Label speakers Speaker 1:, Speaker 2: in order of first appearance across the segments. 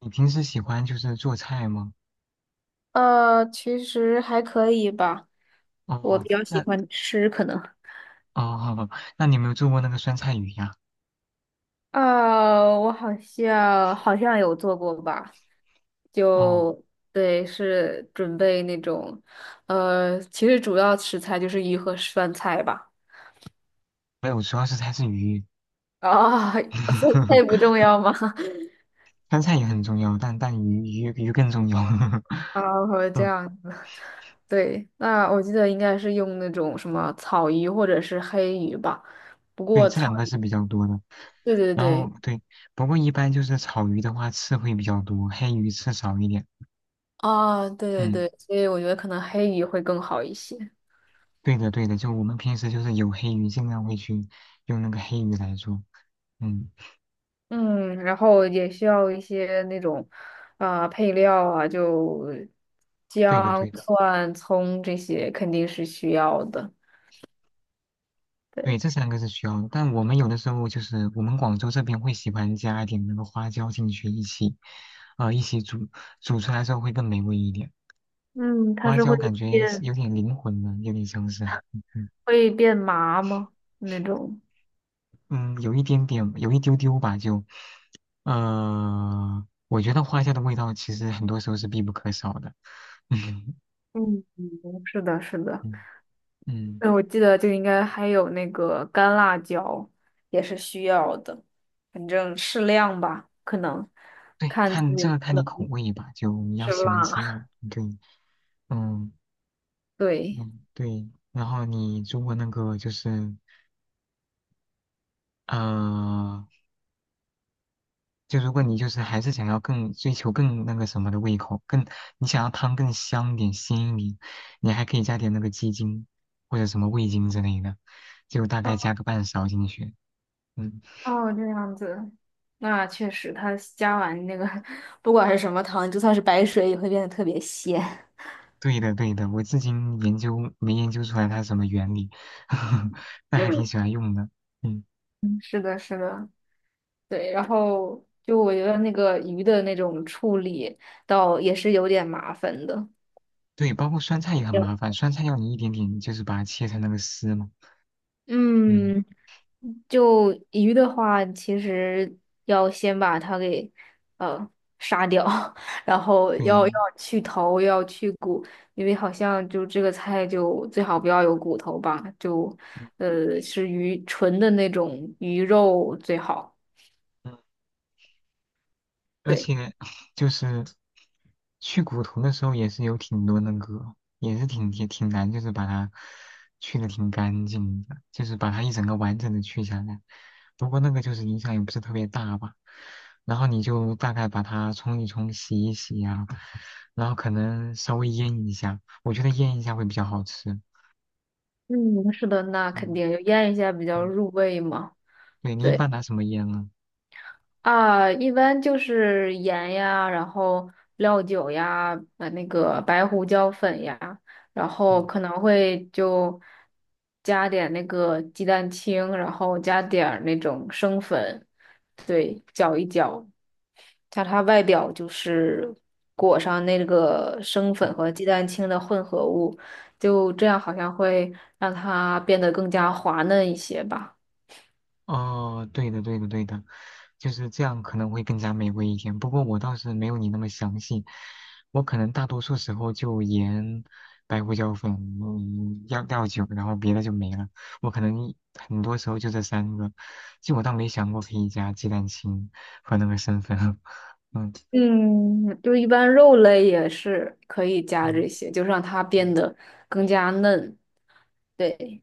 Speaker 1: 你平时喜欢就是做菜吗？
Speaker 2: 其实还可以吧。我
Speaker 1: 哦，
Speaker 2: 比较喜
Speaker 1: 那
Speaker 2: 欢吃，可能
Speaker 1: 哦，好吧，那你有没有做过那个酸菜鱼呀？
Speaker 2: 啊，我好像有做过吧，
Speaker 1: 哦，
Speaker 2: 就对，是准备那种，其实主要食材就是鱼和酸菜吧。
Speaker 1: 没有，主要是它是鱼，
Speaker 2: 啊，酸菜不 重要吗？
Speaker 1: 酸菜也很重要，但鱼更重要。
Speaker 2: 啊，我这
Speaker 1: 嗯，
Speaker 2: 样，对，那我记得应该是用那种什么草鱼或者是黑鱼吧，不
Speaker 1: 对，
Speaker 2: 过
Speaker 1: 这
Speaker 2: 草
Speaker 1: 两个是
Speaker 2: 鱼，
Speaker 1: 比较多的。
Speaker 2: 对对
Speaker 1: 然
Speaker 2: 对，
Speaker 1: 后对，不过一般就是炒鱼的话，刺会比较多，黑鱼刺少一点。
Speaker 2: 啊，对对
Speaker 1: 嗯，
Speaker 2: 对，所以我觉得可能黑鱼会更好一些。
Speaker 1: 对的对的，就我们平时就是有黑鱼，尽量会去用那个黑鱼来做。嗯，
Speaker 2: 嗯，然后也需要一些那种啊、配料啊，就
Speaker 1: 对的
Speaker 2: 姜、
Speaker 1: 对的。
Speaker 2: 蒜、葱这些肯定是需要的。对，
Speaker 1: 对，这三个是需要的，但我们有的时候就是我们广州这边会喜欢加一点那个花椒进去一起，一起煮，煮出来之后会更美味一点。
Speaker 2: 嗯，它
Speaker 1: 花
Speaker 2: 是
Speaker 1: 椒
Speaker 2: 会
Speaker 1: 感觉是
Speaker 2: 变
Speaker 1: 有点灵魂了，有点像是啊，嗯
Speaker 2: 会变麻吗？那种。
Speaker 1: 嗯，有一点点，有一丢丢吧，就，我觉得花椒的味道其实很多时候是必不可少的。嗯
Speaker 2: 嗯，嗯是的，是的。
Speaker 1: 嗯嗯，
Speaker 2: 那我记得就应该还有那个干辣椒也是需要的，反正适量吧，可能
Speaker 1: 对，
Speaker 2: 看自
Speaker 1: 看
Speaker 2: 己
Speaker 1: 这
Speaker 2: 能
Speaker 1: 个
Speaker 2: 不
Speaker 1: 看你口
Speaker 2: 能
Speaker 1: 味吧，就你要
Speaker 2: 吃
Speaker 1: 喜欢
Speaker 2: 辣。
Speaker 1: 吃辣，对，嗯
Speaker 2: 对，
Speaker 1: 嗯，对，然后你如果那个就是。呃，就如果你就是还是想要更追求更那个什么的胃口，更你想要汤更香一点、鲜一点，你还可以加点那个鸡精或者什么味精之类的，就大
Speaker 2: 哦，
Speaker 1: 概加个半勺进去。嗯，
Speaker 2: 哦这样子，那确实，它加完那个，不管是什么糖，就算是白水也会变得特别鲜。
Speaker 1: 对的对的，我至今研究没研究出来它是什么原理，那还
Speaker 2: 嗯
Speaker 1: 挺喜欢用的。嗯，
Speaker 2: 是的，是的，对。然后就我觉得那个鱼的那种处理，倒也是有点麻烦的。
Speaker 1: 对，包括酸菜也很
Speaker 2: 有
Speaker 1: 麻烦，酸菜要你一点点就是把它切成那个丝嘛。嗯，
Speaker 2: 嗯，就鱼的话，其实要先把它给呃杀掉，然后要
Speaker 1: 对。
Speaker 2: 要去头，要去骨，因为好像就这个菜就最好不要有骨头吧，就
Speaker 1: 嗯
Speaker 2: 是鱼纯的那种鱼肉最好。
Speaker 1: 嗯，而
Speaker 2: 对，
Speaker 1: 且就是去骨头的时候也是有挺多那个，也是挺也挺难，就是把它去的挺干净的，就是把它一整个完整的去下来。不过那个就是影响也不是特别大吧，然后你就大概把它冲一冲、洗一洗呀、然后可能稍微腌一下，我觉得腌一下会比较好吃。
Speaker 2: 嗯，是的，那肯
Speaker 1: 嗯
Speaker 2: 定就腌一下比较
Speaker 1: 嗯，
Speaker 2: 入味嘛。
Speaker 1: 对，你一
Speaker 2: 对。
Speaker 1: 般拿什么腌呢？
Speaker 2: 啊，一般就是盐呀，然后料酒呀，那个白胡椒粉呀，然后
Speaker 1: 嗯。
Speaker 2: 可能会就加点那个鸡蛋清，然后加点儿那种生粉，对，搅一搅，加它外表就是裹上那个生粉和鸡蛋清的混合物，就这样好像会让它变得更加滑嫩一些吧。
Speaker 1: 哦，对的，对的，对的，就是这样可能会更加美味一点。不过我倒是没有你那么详细，我可能大多数时候就盐、白胡椒粉、嗯，料酒，然后别的就没了。我可能很多时候就这三个，就我倒没想过可以加鸡蛋清和那个生粉。嗯
Speaker 2: 嗯，就一般肉类也是可以加
Speaker 1: 嗯
Speaker 2: 这些，就让它变得更加嫩。对，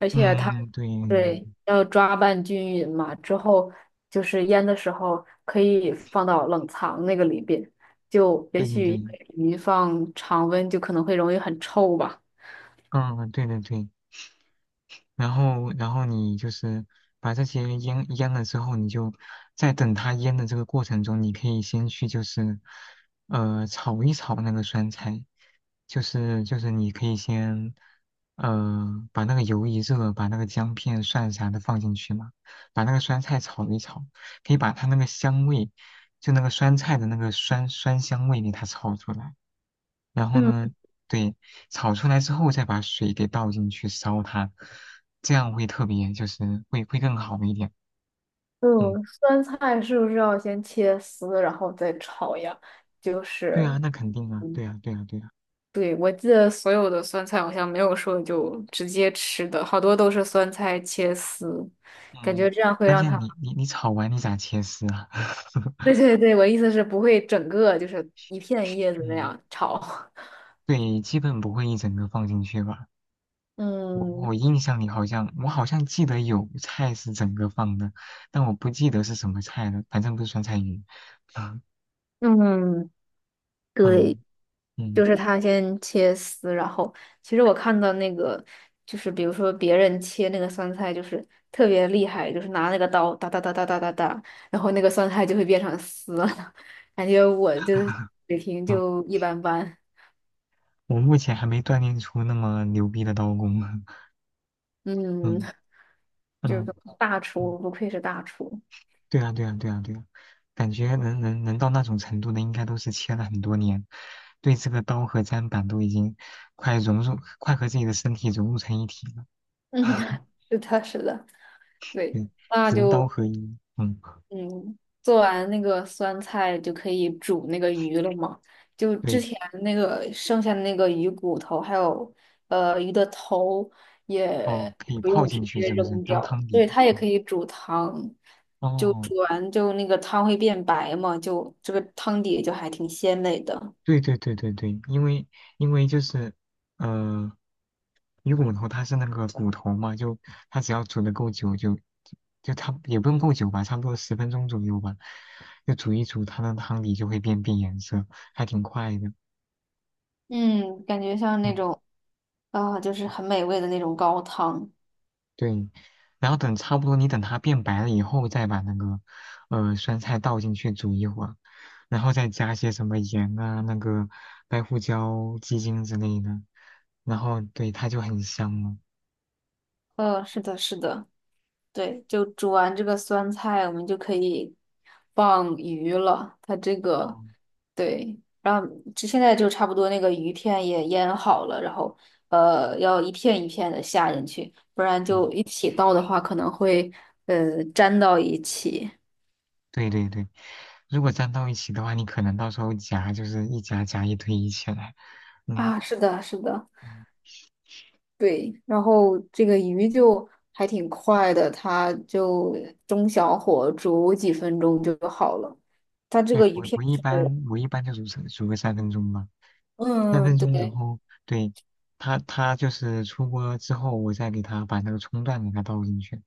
Speaker 2: 而且它
Speaker 1: 嗯，对
Speaker 2: 对要抓拌均匀嘛，之后就是腌的时候可以放到冷藏那个里边，就也
Speaker 1: 对对
Speaker 2: 许
Speaker 1: 对，
Speaker 2: 因为鱼放常温就可能会容易很臭吧。
Speaker 1: 嗯，对对对。然后你就是把这些腌了之后，你就在等它腌的这个过程中，你可以先去炒一炒那个酸菜，就是你可以先把那个油一热，把那个姜片、蒜啥的放进去嘛，把那个酸菜炒一炒，可以把它那个香味，就那个酸菜的那个酸酸香味给它炒出来。然后
Speaker 2: 嗯，
Speaker 1: 呢，对，炒出来之后再把水给倒进去烧它，这样会特别就是会更好一点。嗯，
Speaker 2: 嗯，酸菜是不是要先切丝，然后再炒呀？就
Speaker 1: 对
Speaker 2: 是。
Speaker 1: 啊，那肯定啊，
Speaker 2: 嗯。
Speaker 1: 对啊，对啊，对啊。
Speaker 2: 对，我记得所有的酸菜好像没有说就直接吃的，好多都是酸菜切丝，感觉
Speaker 1: 嗯，
Speaker 2: 这样会
Speaker 1: 关
Speaker 2: 让
Speaker 1: 键
Speaker 2: 它……
Speaker 1: 你炒完你咋切丝啊？
Speaker 2: 对对对，我意思是不会整个就是一片叶子那
Speaker 1: 嗯，
Speaker 2: 样炒。
Speaker 1: 对，基本不会一整个放进去吧。我
Speaker 2: 嗯
Speaker 1: 我印象里好像好像记得有菜是整个放的，但我不记得是什么菜了，反正不是酸菜鱼。啊，
Speaker 2: 嗯，对，
Speaker 1: 嗯嗯，
Speaker 2: 就是它先切丝，然后其实我看到那个就是比如说别人切那个酸菜就是特别厉害，就是拿那个刀哒哒哒哒哒哒哒，然后那个酸菜就会变成丝了，感觉我就是水 平
Speaker 1: 啊，
Speaker 2: 就一般般。
Speaker 1: 我目前还没锻炼出那么牛逼的刀工。
Speaker 2: 嗯，
Speaker 1: 嗯
Speaker 2: 这
Speaker 1: 嗯
Speaker 2: 个大
Speaker 1: 嗯，
Speaker 2: 厨不愧是大厨。
Speaker 1: 对啊对啊对啊对啊，感觉能到那种程度的，应该都是切了很多年，对这个刀和砧板都已经快融入，快和自己的身体融入成一体了。
Speaker 2: 嗯，是的，是的，对，
Speaker 1: 对，
Speaker 2: 那
Speaker 1: 人刀
Speaker 2: 就
Speaker 1: 合一。嗯，
Speaker 2: 嗯，做完那个酸菜就可以煮那个鱼了嘛。就之
Speaker 1: 对，
Speaker 2: 前那个剩下的那个鱼骨头，还有鱼的头，
Speaker 1: 哦，
Speaker 2: 也
Speaker 1: 可以
Speaker 2: 不
Speaker 1: 泡
Speaker 2: 用直
Speaker 1: 进去
Speaker 2: 接
Speaker 1: 是不是？
Speaker 2: 扔
Speaker 1: 当
Speaker 2: 掉，
Speaker 1: 汤底。
Speaker 2: 对，它也
Speaker 1: 哦
Speaker 2: 可以煮汤。就
Speaker 1: 哦。
Speaker 2: 煮完就那个汤会变白嘛，就这个汤底就还挺鲜美的。
Speaker 1: 对对对对对，因为就是呃，鱼骨头它是那个骨头嘛，就它只要煮的够久就，就它也不用够久吧，差不多10分钟左右吧，就煮一煮，它的汤底就会变颜色，还挺快的。
Speaker 2: 嗯，感觉像
Speaker 1: 嗯，
Speaker 2: 那种。啊，就是很美味的那种高汤。
Speaker 1: 对。然后等差不多，你等它变白了以后，再把那个酸菜倒进去煮一会儿，然后再加些什么盐啊、那个白胡椒、鸡精之类的，然后对它就很香了。
Speaker 2: 是的，是的，对，就煮完这个酸菜，我们就可以放鱼了。它这个，
Speaker 1: 哦，
Speaker 2: 对，然后这现在就差不多，那个鱼片也腌好了，然后要一片一片的下进去，不然
Speaker 1: 对
Speaker 2: 就一起倒的话，可能会粘到一起。
Speaker 1: 对对对，如果粘到一起的话，你可能到时候夹就是一夹夹一堆一起来。嗯，
Speaker 2: 啊，是的，是的。
Speaker 1: 嗯，
Speaker 2: 对，然后这个鱼就还挺快的，它就中小火煮几分钟就好了。它这
Speaker 1: 对，
Speaker 2: 个鱼
Speaker 1: 我
Speaker 2: 片
Speaker 1: 我一
Speaker 2: 是，
Speaker 1: 般就煮个三分钟吧，三分
Speaker 2: 嗯，
Speaker 1: 钟，然
Speaker 2: 对，
Speaker 1: 后对它就是出锅之后，我再给它把那个葱段给它倒进去。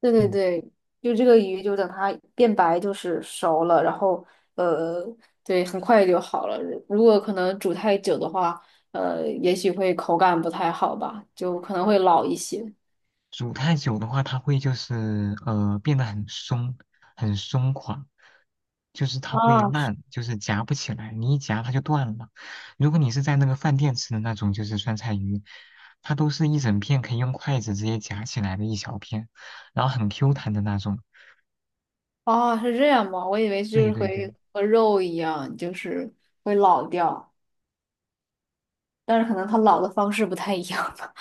Speaker 2: 对对
Speaker 1: 嗯。
Speaker 2: 对，就这个鱼就等它变白就是熟了，然后呃，对，很快就好了。如果可能煮太久的话，也许会口感不太好吧，就可能会老一些。
Speaker 1: 煮太久的话，它会就是变得很松，很松垮，就是它会
Speaker 2: 啊，
Speaker 1: 烂，就是夹不起来，你一夹它就断了。如果你是在那个饭店吃的那种，就是酸菜鱼，它都是一整片可以用筷子直接夹起来的一小片，然后很 Q 弹的那种。
Speaker 2: 哦，是这样吗？我以为就
Speaker 1: 对
Speaker 2: 是
Speaker 1: 对
Speaker 2: 会
Speaker 1: 对，
Speaker 2: 和肉一样，就是会老掉。但是可能他老的方式不太一样吧。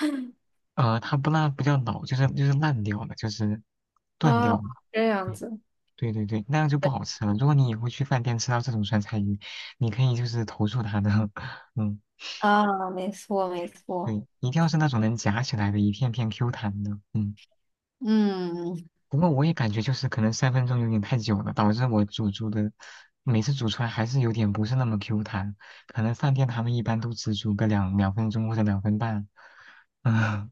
Speaker 1: 它不不叫老，就是就是烂掉了，就是断掉
Speaker 2: 啊，
Speaker 1: 了。
Speaker 2: 这样子，
Speaker 1: 对对对对，那样就不
Speaker 2: 对
Speaker 1: 好吃了。如果你以后去饭店吃到这种酸菜鱼，你可以就是投诉他的，嗯。
Speaker 2: 啊，没错没错，
Speaker 1: 对，一定要是那种能夹起来的，一片片 Q 弹的。嗯，
Speaker 2: 嗯，
Speaker 1: 不过我也感觉就是可能三分钟有点太久了，导致我煮的每次煮出来还是有点不是那么 Q 弹。可能饭店他们一般都只煮个2分钟或者2分半，嗯，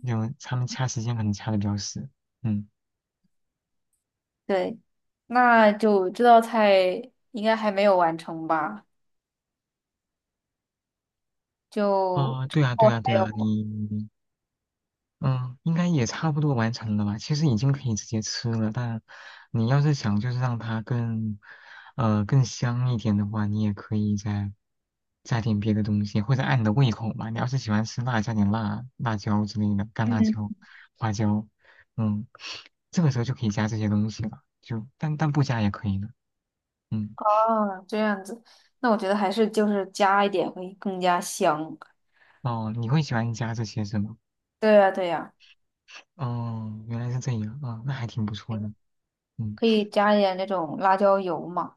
Speaker 1: 有他们掐时间可能掐的比较死。嗯，
Speaker 2: 对，那就这道菜应该还没有完成吧？就
Speaker 1: 哦，对啊，对
Speaker 2: 我
Speaker 1: 啊，对
Speaker 2: 还
Speaker 1: 啊，
Speaker 2: 有，
Speaker 1: 你嗯，应该也差不多完成了吧？其实已经可以直接吃了，但你要是想就是让它更，更香一点的话，你也可以再加点别的东西，或者按你的胃口嘛。你要是喜欢吃辣，加点辣椒之类的，干
Speaker 2: 嗯，
Speaker 1: 辣椒、花椒，嗯，这个时候就可以加这些东西了。就但不加也可以的，嗯。
Speaker 2: 啊，这样子，那我觉得还是就是加一点会更加香。
Speaker 1: 哦，你会喜欢加这些是吗？
Speaker 2: 对呀对呀，
Speaker 1: 哦，原来是这样啊，那还挺不错的，嗯。
Speaker 2: 可以加一点那种辣椒油嘛。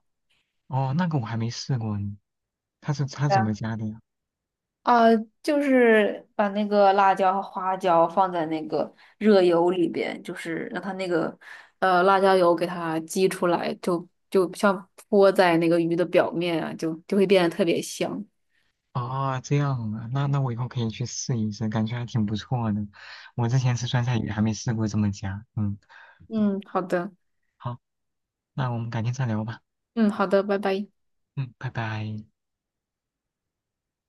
Speaker 1: 哦，那个我还没试过呢。他是他
Speaker 2: 对
Speaker 1: 怎么
Speaker 2: 啊
Speaker 1: 加的呀？
Speaker 2: 啊，就是把那个辣椒和花椒放在那个热油里边，就是让它那个辣椒油给它激出来，就就像泼在那个鱼的表面啊，就就会变得特别香。
Speaker 1: 啊，这样啊，那我以后可以去试一试，感觉还挺不错的。我之前吃酸菜鱼还没试过这么加。嗯，
Speaker 2: 嗯，好的，
Speaker 1: 好，那我们改天再聊吧。
Speaker 2: 嗯，好的，拜拜。
Speaker 1: 嗯，拜拜。